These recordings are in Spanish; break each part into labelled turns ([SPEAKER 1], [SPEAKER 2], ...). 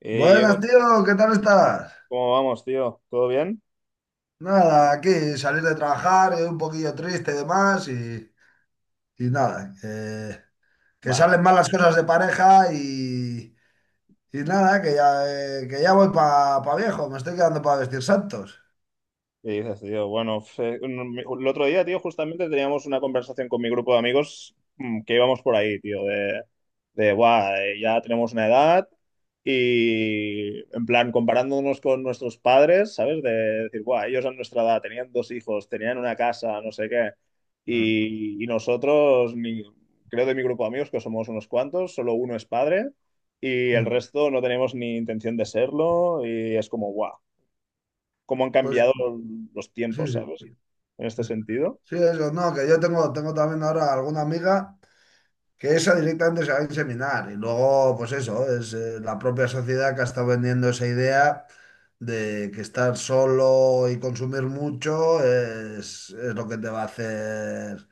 [SPEAKER 1] Hey, Diego,
[SPEAKER 2] Buenas,
[SPEAKER 1] tío,
[SPEAKER 2] tío, ¿qué tal estás?
[SPEAKER 1] ¿cómo vamos, tío? ¿Todo bien?
[SPEAKER 2] Nada, aquí salir de trabajar, un poquillo triste y demás, y nada, que
[SPEAKER 1] Bueno,
[SPEAKER 2] salen mal las cosas de pareja y nada, que ya voy para viejo, me estoy quedando para vestir santos.
[SPEAKER 1] ¿y dices, tío? Bueno, el otro día, tío, justamente teníamos una conversación con mi grupo de amigos, que íbamos por ahí, tío, de, "Buah, ya tenemos una edad y, en plan, comparándonos con nuestros padres, ¿sabes? De decir, guau, ellos a nuestra edad tenían dos hijos, tenían una casa, no sé qué,
[SPEAKER 2] Mm,
[SPEAKER 1] y, nosotros, creo de mi grupo de amigos, que somos unos cuantos, solo uno es padre. Y el
[SPEAKER 2] mm.
[SPEAKER 1] resto no tenemos ni intención de serlo y es como, guau, cómo han
[SPEAKER 2] Pues
[SPEAKER 1] cambiado los tiempos,
[SPEAKER 2] sí,
[SPEAKER 1] ¿sabes?
[SPEAKER 2] sí,
[SPEAKER 1] En
[SPEAKER 2] sí,
[SPEAKER 1] este sentido.
[SPEAKER 2] sí, eso, no, que yo tengo también ahora alguna amiga, que esa directamente se va a inseminar. Y luego, pues eso, es la propia sociedad que ha estado vendiendo esa idea de que estar solo y consumir mucho es lo que te va a hacer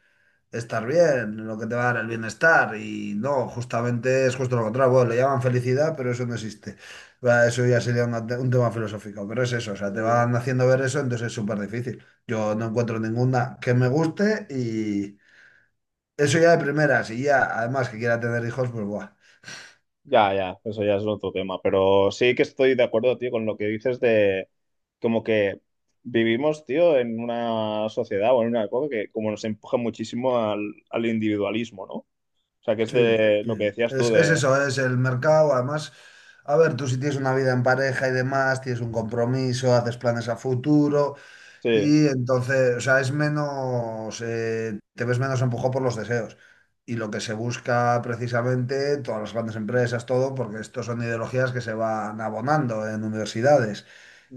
[SPEAKER 2] estar bien, lo que te va a dar el bienestar. Y no, justamente es justo lo contrario. Bueno, le llaman felicidad, pero eso no existe. Va, eso ya sería un tema filosófico, pero es eso, o sea, te
[SPEAKER 1] Eh,
[SPEAKER 2] van haciendo ver eso, entonces es súper difícil. Yo no encuentro ninguna que me guste eso ya de primeras, y ya, además que quiera tener hijos, pues buah.
[SPEAKER 1] Ya, ya, eso ya es otro tema, pero sí que estoy de acuerdo, tío, con lo que dices de como que vivimos, tío, en una sociedad o en una época que como nos empuja muchísimo al, al individualismo, ¿no? O sea, que es
[SPEAKER 2] Sí,
[SPEAKER 1] de lo que
[SPEAKER 2] sí.
[SPEAKER 1] decías tú
[SPEAKER 2] Es
[SPEAKER 1] de,
[SPEAKER 2] eso, es el mercado. Además, a ver, tú si tienes una vida en pareja y demás, tienes un compromiso, haces planes a futuro,
[SPEAKER 1] sí,
[SPEAKER 2] y entonces, o sea, te ves menos empujado por los deseos. Y lo que se busca precisamente, todas las grandes empresas, todo, porque estos son ideologías que se van abonando en universidades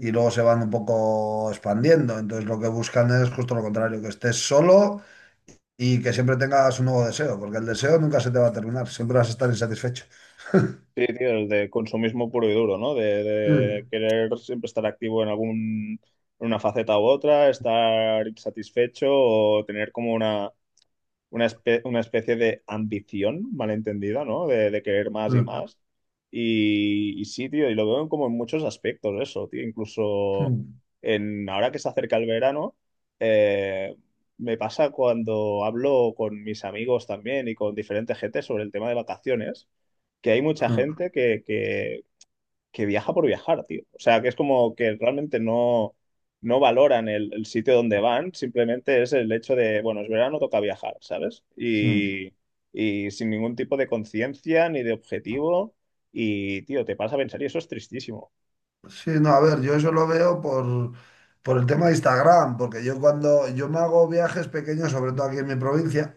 [SPEAKER 2] y luego se van un poco expandiendo. Entonces, lo que buscan es justo lo contrario, que estés solo. Y que siempre tengas un nuevo deseo, porque el deseo nunca se te va a terminar, siempre vas a estar insatisfecho.
[SPEAKER 1] Sí, tío, el de consumismo puro y duro, ¿no? De
[SPEAKER 2] Mm,
[SPEAKER 1] querer siempre estar activo en algún, en una faceta u otra, estar insatisfecho o tener como una especie de ambición malentendida, ¿no? De querer más y
[SPEAKER 2] mm,
[SPEAKER 1] más. Y, sí, tío, y lo veo como en muchos aspectos eso, tío. Incluso
[SPEAKER 2] mm,
[SPEAKER 1] en, ahora que se acerca el verano, eh, me pasa cuando hablo con mis amigos también y con diferente gente sobre el tema de vacaciones, que hay mucha
[SPEAKER 2] mm,
[SPEAKER 1] gente que, que viaja por viajar, tío. O sea, que es como que realmente no, no valoran el sitio donde van, simplemente es el hecho de, bueno, es verano, toca viajar, ¿sabes?
[SPEAKER 2] mm.
[SPEAKER 1] Y sin ningún tipo de conciencia ni de objetivo. Y, tío, te pasa a pensar y eso es tristísimo.
[SPEAKER 2] Sí, no, a ver, yo eso lo veo por el tema de Instagram, porque yo cuando yo me hago viajes pequeños, sobre todo aquí en mi provincia.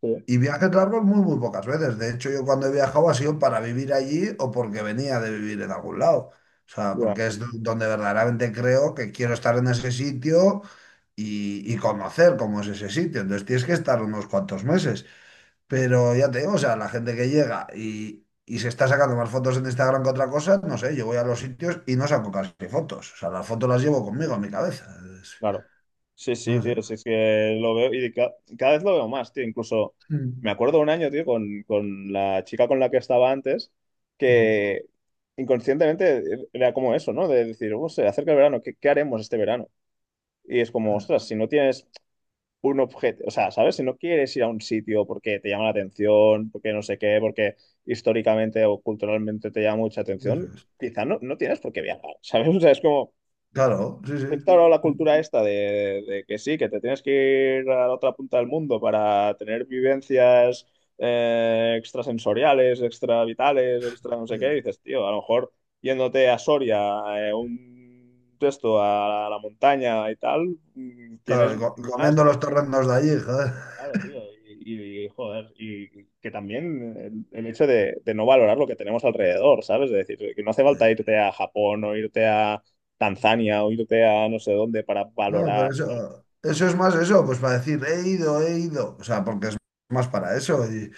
[SPEAKER 1] Sí,
[SPEAKER 2] Y viajes largos muy, muy pocas veces. De hecho, yo cuando he viajado ha sido para vivir allí o porque venía de vivir en algún lado. O sea,
[SPEAKER 1] ya.
[SPEAKER 2] porque es donde verdaderamente creo que quiero estar en ese sitio y conocer cómo es ese sitio. Entonces tienes que estar unos cuantos meses. Pero ya te digo, o sea, la gente que llega y se está sacando más fotos en Instagram que otra cosa, no sé, yo voy a los sitios y no saco casi fotos. O sea, las fotos las llevo conmigo en mi cabeza. Es-
[SPEAKER 1] Claro. Sí, sí,
[SPEAKER 2] No sé.
[SPEAKER 1] tío, sí, es que lo veo y cada vez lo veo más, tío. Incluso
[SPEAKER 2] Mm.
[SPEAKER 1] me acuerdo un año, tío, con la chica con la que estaba antes,
[SPEAKER 2] Mm.
[SPEAKER 1] que inconscientemente era como eso, ¿no? De decir, "Oh, se acerca el verano, ¿qué haremos este verano?". Y es como, ostras, si no tienes un objeto, o sea, ¿sabes? Si no quieres ir a un sitio porque te llama la atención, porque no sé qué, porque históricamente o culturalmente te llama mucha
[SPEAKER 2] Eso
[SPEAKER 1] atención,
[SPEAKER 2] es.
[SPEAKER 1] quizá no, no tienes por qué viajar, ¿sabes? O sea, es como
[SPEAKER 2] Claro, sí, sí.
[SPEAKER 1] instaurado la
[SPEAKER 2] Mm.
[SPEAKER 1] cultura esta de que sí, que te tienes que ir a la otra punta del mundo para tener vivencias, extrasensoriales, extravitales, extra no sé qué, y
[SPEAKER 2] Sí.
[SPEAKER 1] dices, tío, a lo mejor yéndote a Soria, un texto a la montaña y tal, mm, tienes
[SPEAKER 2] Claro, y
[SPEAKER 1] más
[SPEAKER 2] comiendo
[SPEAKER 1] que...
[SPEAKER 2] los torrendos de allí, joder.
[SPEAKER 1] Claro, tío, y, joder, y que también el hecho de no valorar lo que tenemos alrededor, ¿sabes? Es decir, que no hace
[SPEAKER 2] Sí.
[SPEAKER 1] falta irte a Japón o irte a Tanzania o irte a no sé dónde para
[SPEAKER 2] No, pero
[SPEAKER 1] valorar.
[SPEAKER 2] eso, es más eso, pues para decir, he ido, he ido. O sea, porque es más para eso. Y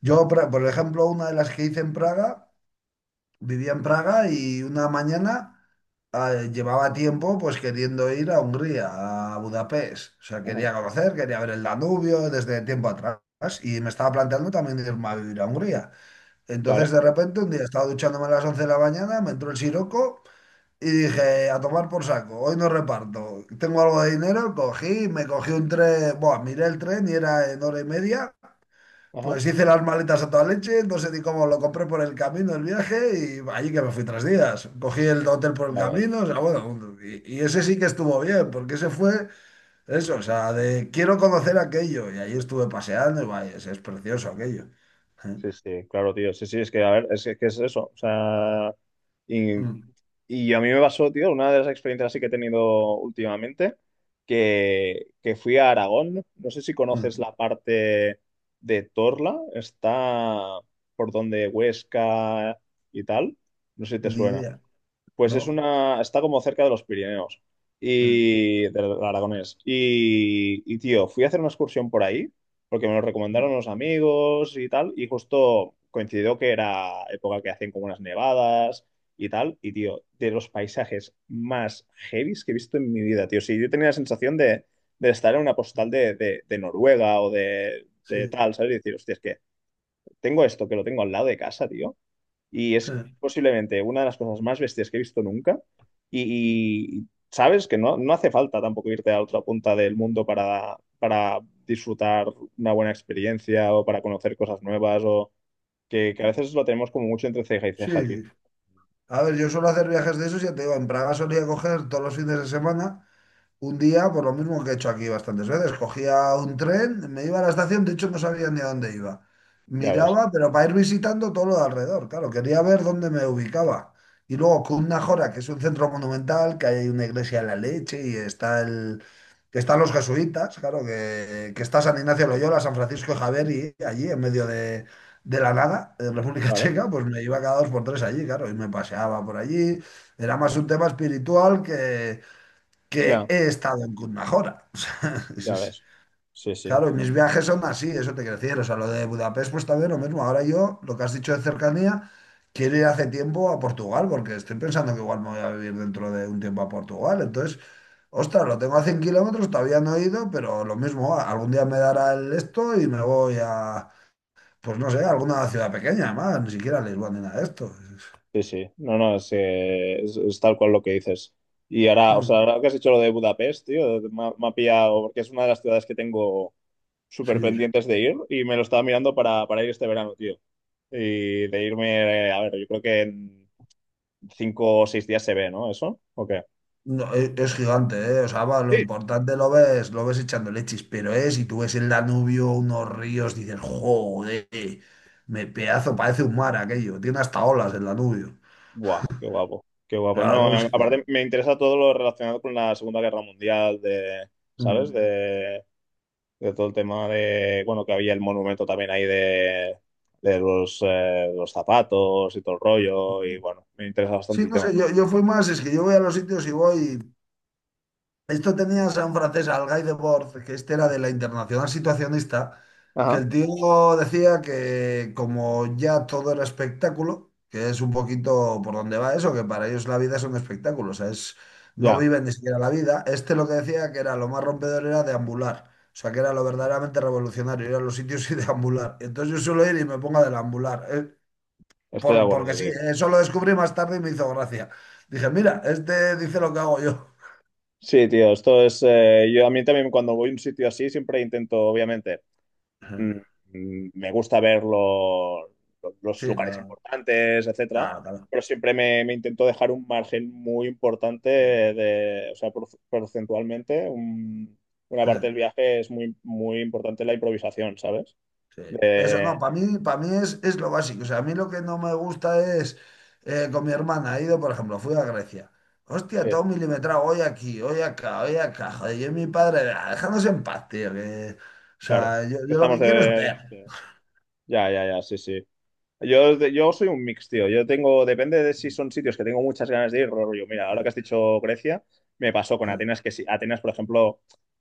[SPEAKER 2] yo, por ejemplo, una de las que hice en Praga, vivía en Praga y una mañana llevaba tiempo pues queriendo ir a Hungría, a Budapest. O sea,
[SPEAKER 1] Ajá,
[SPEAKER 2] quería conocer, quería ver el Danubio desde tiempo atrás. Y me estaba planteando también irme a vivir a Hungría.
[SPEAKER 1] vale,
[SPEAKER 2] Entonces, de repente, un día estaba duchándome a las 11 de la mañana, me entró el siroco. Y dije, a tomar por saco, hoy no reparto. Tengo algo de dinero, cogí, me cogí un tren, bueno, miré el tren y era en hora y media.
[SPEAKER 1] ajá,
[SPEAKER 2] Pues hice las maletas a toda leche, no sé ni cómo lo compré por el camino, el viaje, y allí que me fui 3 días. Cogí el hotel por el
[SPEAKER 1] ya ves.
[SPEAKER 2] camino, o sea, bueno, y ese sí que estuvo bien, porque ese fue eso, o sea, de quiero conocer aquello, y ahí estuve paseando, y vaya, es precioso aquello. Eh,
[SPEAKER 1] Sí, sí, claro, tío, sí, sí, es que, a ver, es que es eso, o sea, y...
[SPEAKER 2] mm,
[SPEAKER 1] Y a mí me pasó, tío, una de las experiencias así que he tenido últimamente, que fui a Aragón. No sé si conoces
[SPEAKER 2] mm.
[SPEAKER 1] la parte de Torla, está por donde Huesca y tal. No sé si te
[SPEAKER 2] Ni
[SPEAKER 1] suena.
[SPEAKER 2] idea,
[SPEAKER 1] Pues es
[SPEAKER 2] ¿no?
[SPEAKER 1] una, está como cerca de los Pirineos
[SPEAKER 2] Eh,
[SPEAKER 1] y del Aragonés. Y, tío, fui a hacer una excursión por ahí porque me lo recomendaron
[SPEAKER 2] mm,
[SPEAKER 1] unos amigos y tal. Y justo coincidió que era época que hacían como unas nevadas y tal. Y, tío, de los paisajes más heavies que he visto en mi vida, tío. Sí, yo tenía la sensación de estar en una postal de, de Noruega o
[SPEAKER 2] Sí,
[SPEAKER 1] de tal, ¿sabes? Y decir, hostia, es que tengo esto que lo tengo al lado de casa, tío, y es
[SPEAKER 2] eh,
[SPEAKER 1] posiblemente una de las cosas más bestias que he visto nunca. Y sabes que no, no hace falta tampoco irte a otra punta del mundo para disfrutar una buena experiencia o para conocer cosas nuevas o que a veces lo tenemos como mucho entre ceja y
[SPEAKER 2] sí.
[SPEAKER 1] ceja, tío.
[SPEAKER 2] A ver, yo suelo hacer viajes de esos, ya te digo, en Praga solía coger todos los fines de semana un día, por lo mismo que he hecho aquí bastantes veces, cogía un tren, me iba a la estación, de hecho no sabía ni a dónde iba.
[SPEAKER 1] Ya ves,
[SPEAKER 2] Miraba, pero para ir visitando todo lo de alrededor, claro, quería ver dónde me ubicaba. Y luego Cundnajora, que es un centro monumental, que hay una iglesia de la leche y que están los jesuitas, claro, que está San Ignacio de Loyola, San Francisco de Javier y allí en medio de la nada, en República
[SPEAKER 1] ¿vale?
[SPEAKER 2] Checa, pues me iba cada dos por tres allí, claro, y me paseaba por allí. Era más un tema espiritual que
[SPEAKER 1] Ya,
[SPEAKER 2] he estado en Kunmajora. O sea,
[SPEAKER 1] ya ves. Sí, sí,
[SPEAKER 2] claro, y mis viajes son así, eso te quiero decir. O sea, lo de Budapest, pues también lo mismo. Ahora yo, lo que has dicho de cercanía, quiero ir hace tiempo a Portugal, porque estoy pensando que igual me voy a vivir dentro de un tiempo a Portugal. Entonces, ostras, lo tengo a 100 kilómetros, todavía no he ido, pero lo mismo, ah, algún día me dará el esto y me voy a, pues no sé, a alguna ciudad pequeña, más, ni siquiera a Lisboa ni nada de esto.
[SPEAKER 1] sí, sí. No, no, es, es tal cual lo que dices. Y ahora, o sea,
[SPEAKER 2] Mm.
[SPEAKER 1] ahora que has dicho lo de Budapest, tío, me ha pillado, porque es una de las ciudades que tengo súper
[SPEAKER 2] Sí.
[SPEAKER 1] pendientes de ir y me lo estaba mirando para ir este verano, tío. Y de irme, a ver, yo creo que en 5 o 6 días se ve, ¿no? ¿Eso? ¿O qué?
[SPEAKER 2] No, es gigante, ¿eh? O sea, va, lo
[SPEAKER 1] Sí.
[SPEAKER 2] importante lo ves echando leches, pero es, si tú ves el Danubio, unos ríos, dices, joder, me pedazo, parece un mar aquello, tiene hasta olas el Danubio.
[SPEAKER 1] Buah, qué guapo, qué guapo. No,
[SPEAKER 2] Claro,
[SPEAKER 1] aparte me interesa todo lo relacionado con la Segunda Guerra Mundial, de, ¿sabes?
[SPEAKER 2] Mm.
[SPEAKER 1] De todo el tema de, bueno, que había el monumento también ahí de los zapatos y todo el rollo, y bueno, me interesa
[SPEAKER 2] Sí,
[SPEAKER 1] bastante el
[SPEAKER 2] no
[SPEAKER 1] tema.
[SPEAKER 2] sé, yo fui más, es que yo voy a los sitios y voy. Esto tenías a un francés, al Guy Debord, que este era de la Internacional Situacionista, que
[SPEAKER 1] Ajá,
[SPEAKER 2] el tío decía que como ya todo era espectáculo, que es un poquito por donde va eso, que para ellos la vida es un espectáculo, o sea, es, no
[SPEAKER 1] ya,
[SPEAKER 2] viven ni siquiera la vida. Este lo que decía que era lo más rompedor era deambular, o sea, que era lo verdaderamente revolucionario, ir a los sitios y deambular. Entonces yo suelo ir y me pongo a deambular,
[SPEAKER 1] estoy de
[SPEAKER 2] porque
[SPEAKER 1] acuerdo,
[SPEAKER 2] sí,
[SPEAKER 1] tío.
[SPEAKER 2] eso lo descubrí más tarde y me hizo gracia. Dije, mira, este dice lo que hago yo.
[SPEAKER 1] Sí, tío, esto es, yo a mí también cuando voy a un sitio así siempre intento, obviamente, mm, me gusta ver los
[SPEAKER 2] Sí,
[SPEAKER 1] lugares
[SPEAKER 2] la...
[SPEAKER 1] importantes, etcétera,
[SPEAKER 2] Claro, claro.
[SPEAKER 1] pero siempre me, me intento dejar un margen muy importante
[SPEAKER 2] Sí.
[SPEAKER 1] de, o sea, porcentualmente, una parte
[SPEAKER 2] Eh,
[SPEAKER 1] del viaje es muy, muy importante la improvisación, ¿sabes?
[SPEAKER 2] sí. Eso,
[SPEAKER 1] De-
[SPEAKER 2] no, para mí es lo básico. O sea, a mí lo que no me gusta es con mi hermana. He ido, por ejemplo, fui a Grecia. Hostia,
[SPEAKER 1] sí,
[SPEAKER 2] todo milimetrado, hoy aquí, hoy acá, hoy acá. Joder, yo y mi padre, "Ah, dejadnos en paz, tío. O
[SPEAKER 1] claro.
[SPEAKER 2] sea, yo, lo
[SPEAKER 1] Estamos
[SPEAKER 2] que quiero es
[SPEAKER 1] de,
[SPEAKER 2] ver."
[SPEAKER 1] sí. Ya, ya, ya, sí, sí. Yo soy un mix, tío. Yo tengo, depende de si son sitios que tengo muchas ganas de ir, rollo. Mira, ahora que
[SPEAKER 2] Eh,
[SPEAKER 1] has dicho Grecia, me pasó con
[SPEAKER 2] eh,
[SPEAKER 1] Atenas, que sí, Atenas, por ejemplo,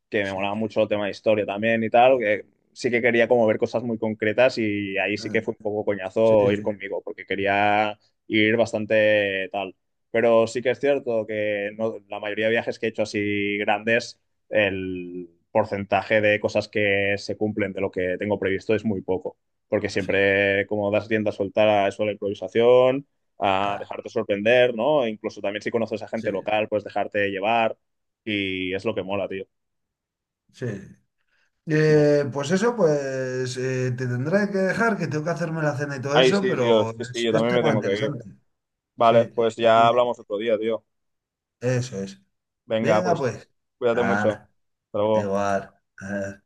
[SPEAKER 1] que me molaba
[SPEAKER 2] Sí,
[SPEAKER 1] mucho el tema de historia también y tal,
[SPEAKER 2] sí,
[SPEAKER 1] que sí que quería como ver cosas muy concretas y ahí sí
[SPEAKER 2] eh,
[SPEAKER 1] que fue un poco
[SPEAKER 2] sí,
[SPEAKER 1] coñazo ir
[SPEAKER 2] sí,
[SPEAKER 1] conmigo, porque quería ir bastante tal. Pero sí que es cierto que no- la mayoría de viajes que he hecho así grandes, el porcentaje de cosas que se cumplen de lo que tengo previsto es muy poco porque
[SPEAKER 2] sí,
[SPEAKER 1] siempre como das tienda a soltar a eso de la improvisación, a
[SPEAKER 2] claro,
[SPEAKER 1] dejarte sorprender, ¿no? E incluso también si conoces a
[SPEAKER 2] sí,
[SPEAKER 1] gente local, pues dejarte llevar y es lo que mola, tío.
[SPEAKER 2] sí. Pues eso, pues te tendré que dejar, que tengo que hacerme la cena y todo
[SPEAKER 1] Ay,
[SPEAKER 2] eso,
[SPEAKER 1] sí, tío,
[SPEAKER 2] pero
[SPEAKER 1] sí, sí, yo
[SPEAKER 2] es
[SPEAKER 1] también me
[SPEAKER 2] tema
[SPEAKER 1] tengo que ir.
[SPEAKER 2] interesante. Sí,
[SPEAKER 1] Vale, pues ya hablamos otro día, tío.
[SPEAKER 2] eso es.
[SPEAKER 1] Venga,
[SPEAKER 2] Venga,
[SPEAKER 1] pues
[SPEAKER 2] pues.
[SPEAKER 1] cuídate mucho.
[SPEAKER 2] Nada,
[SPEAKER 1] Hasta luego.
[SPEAKER 2] igual. eh,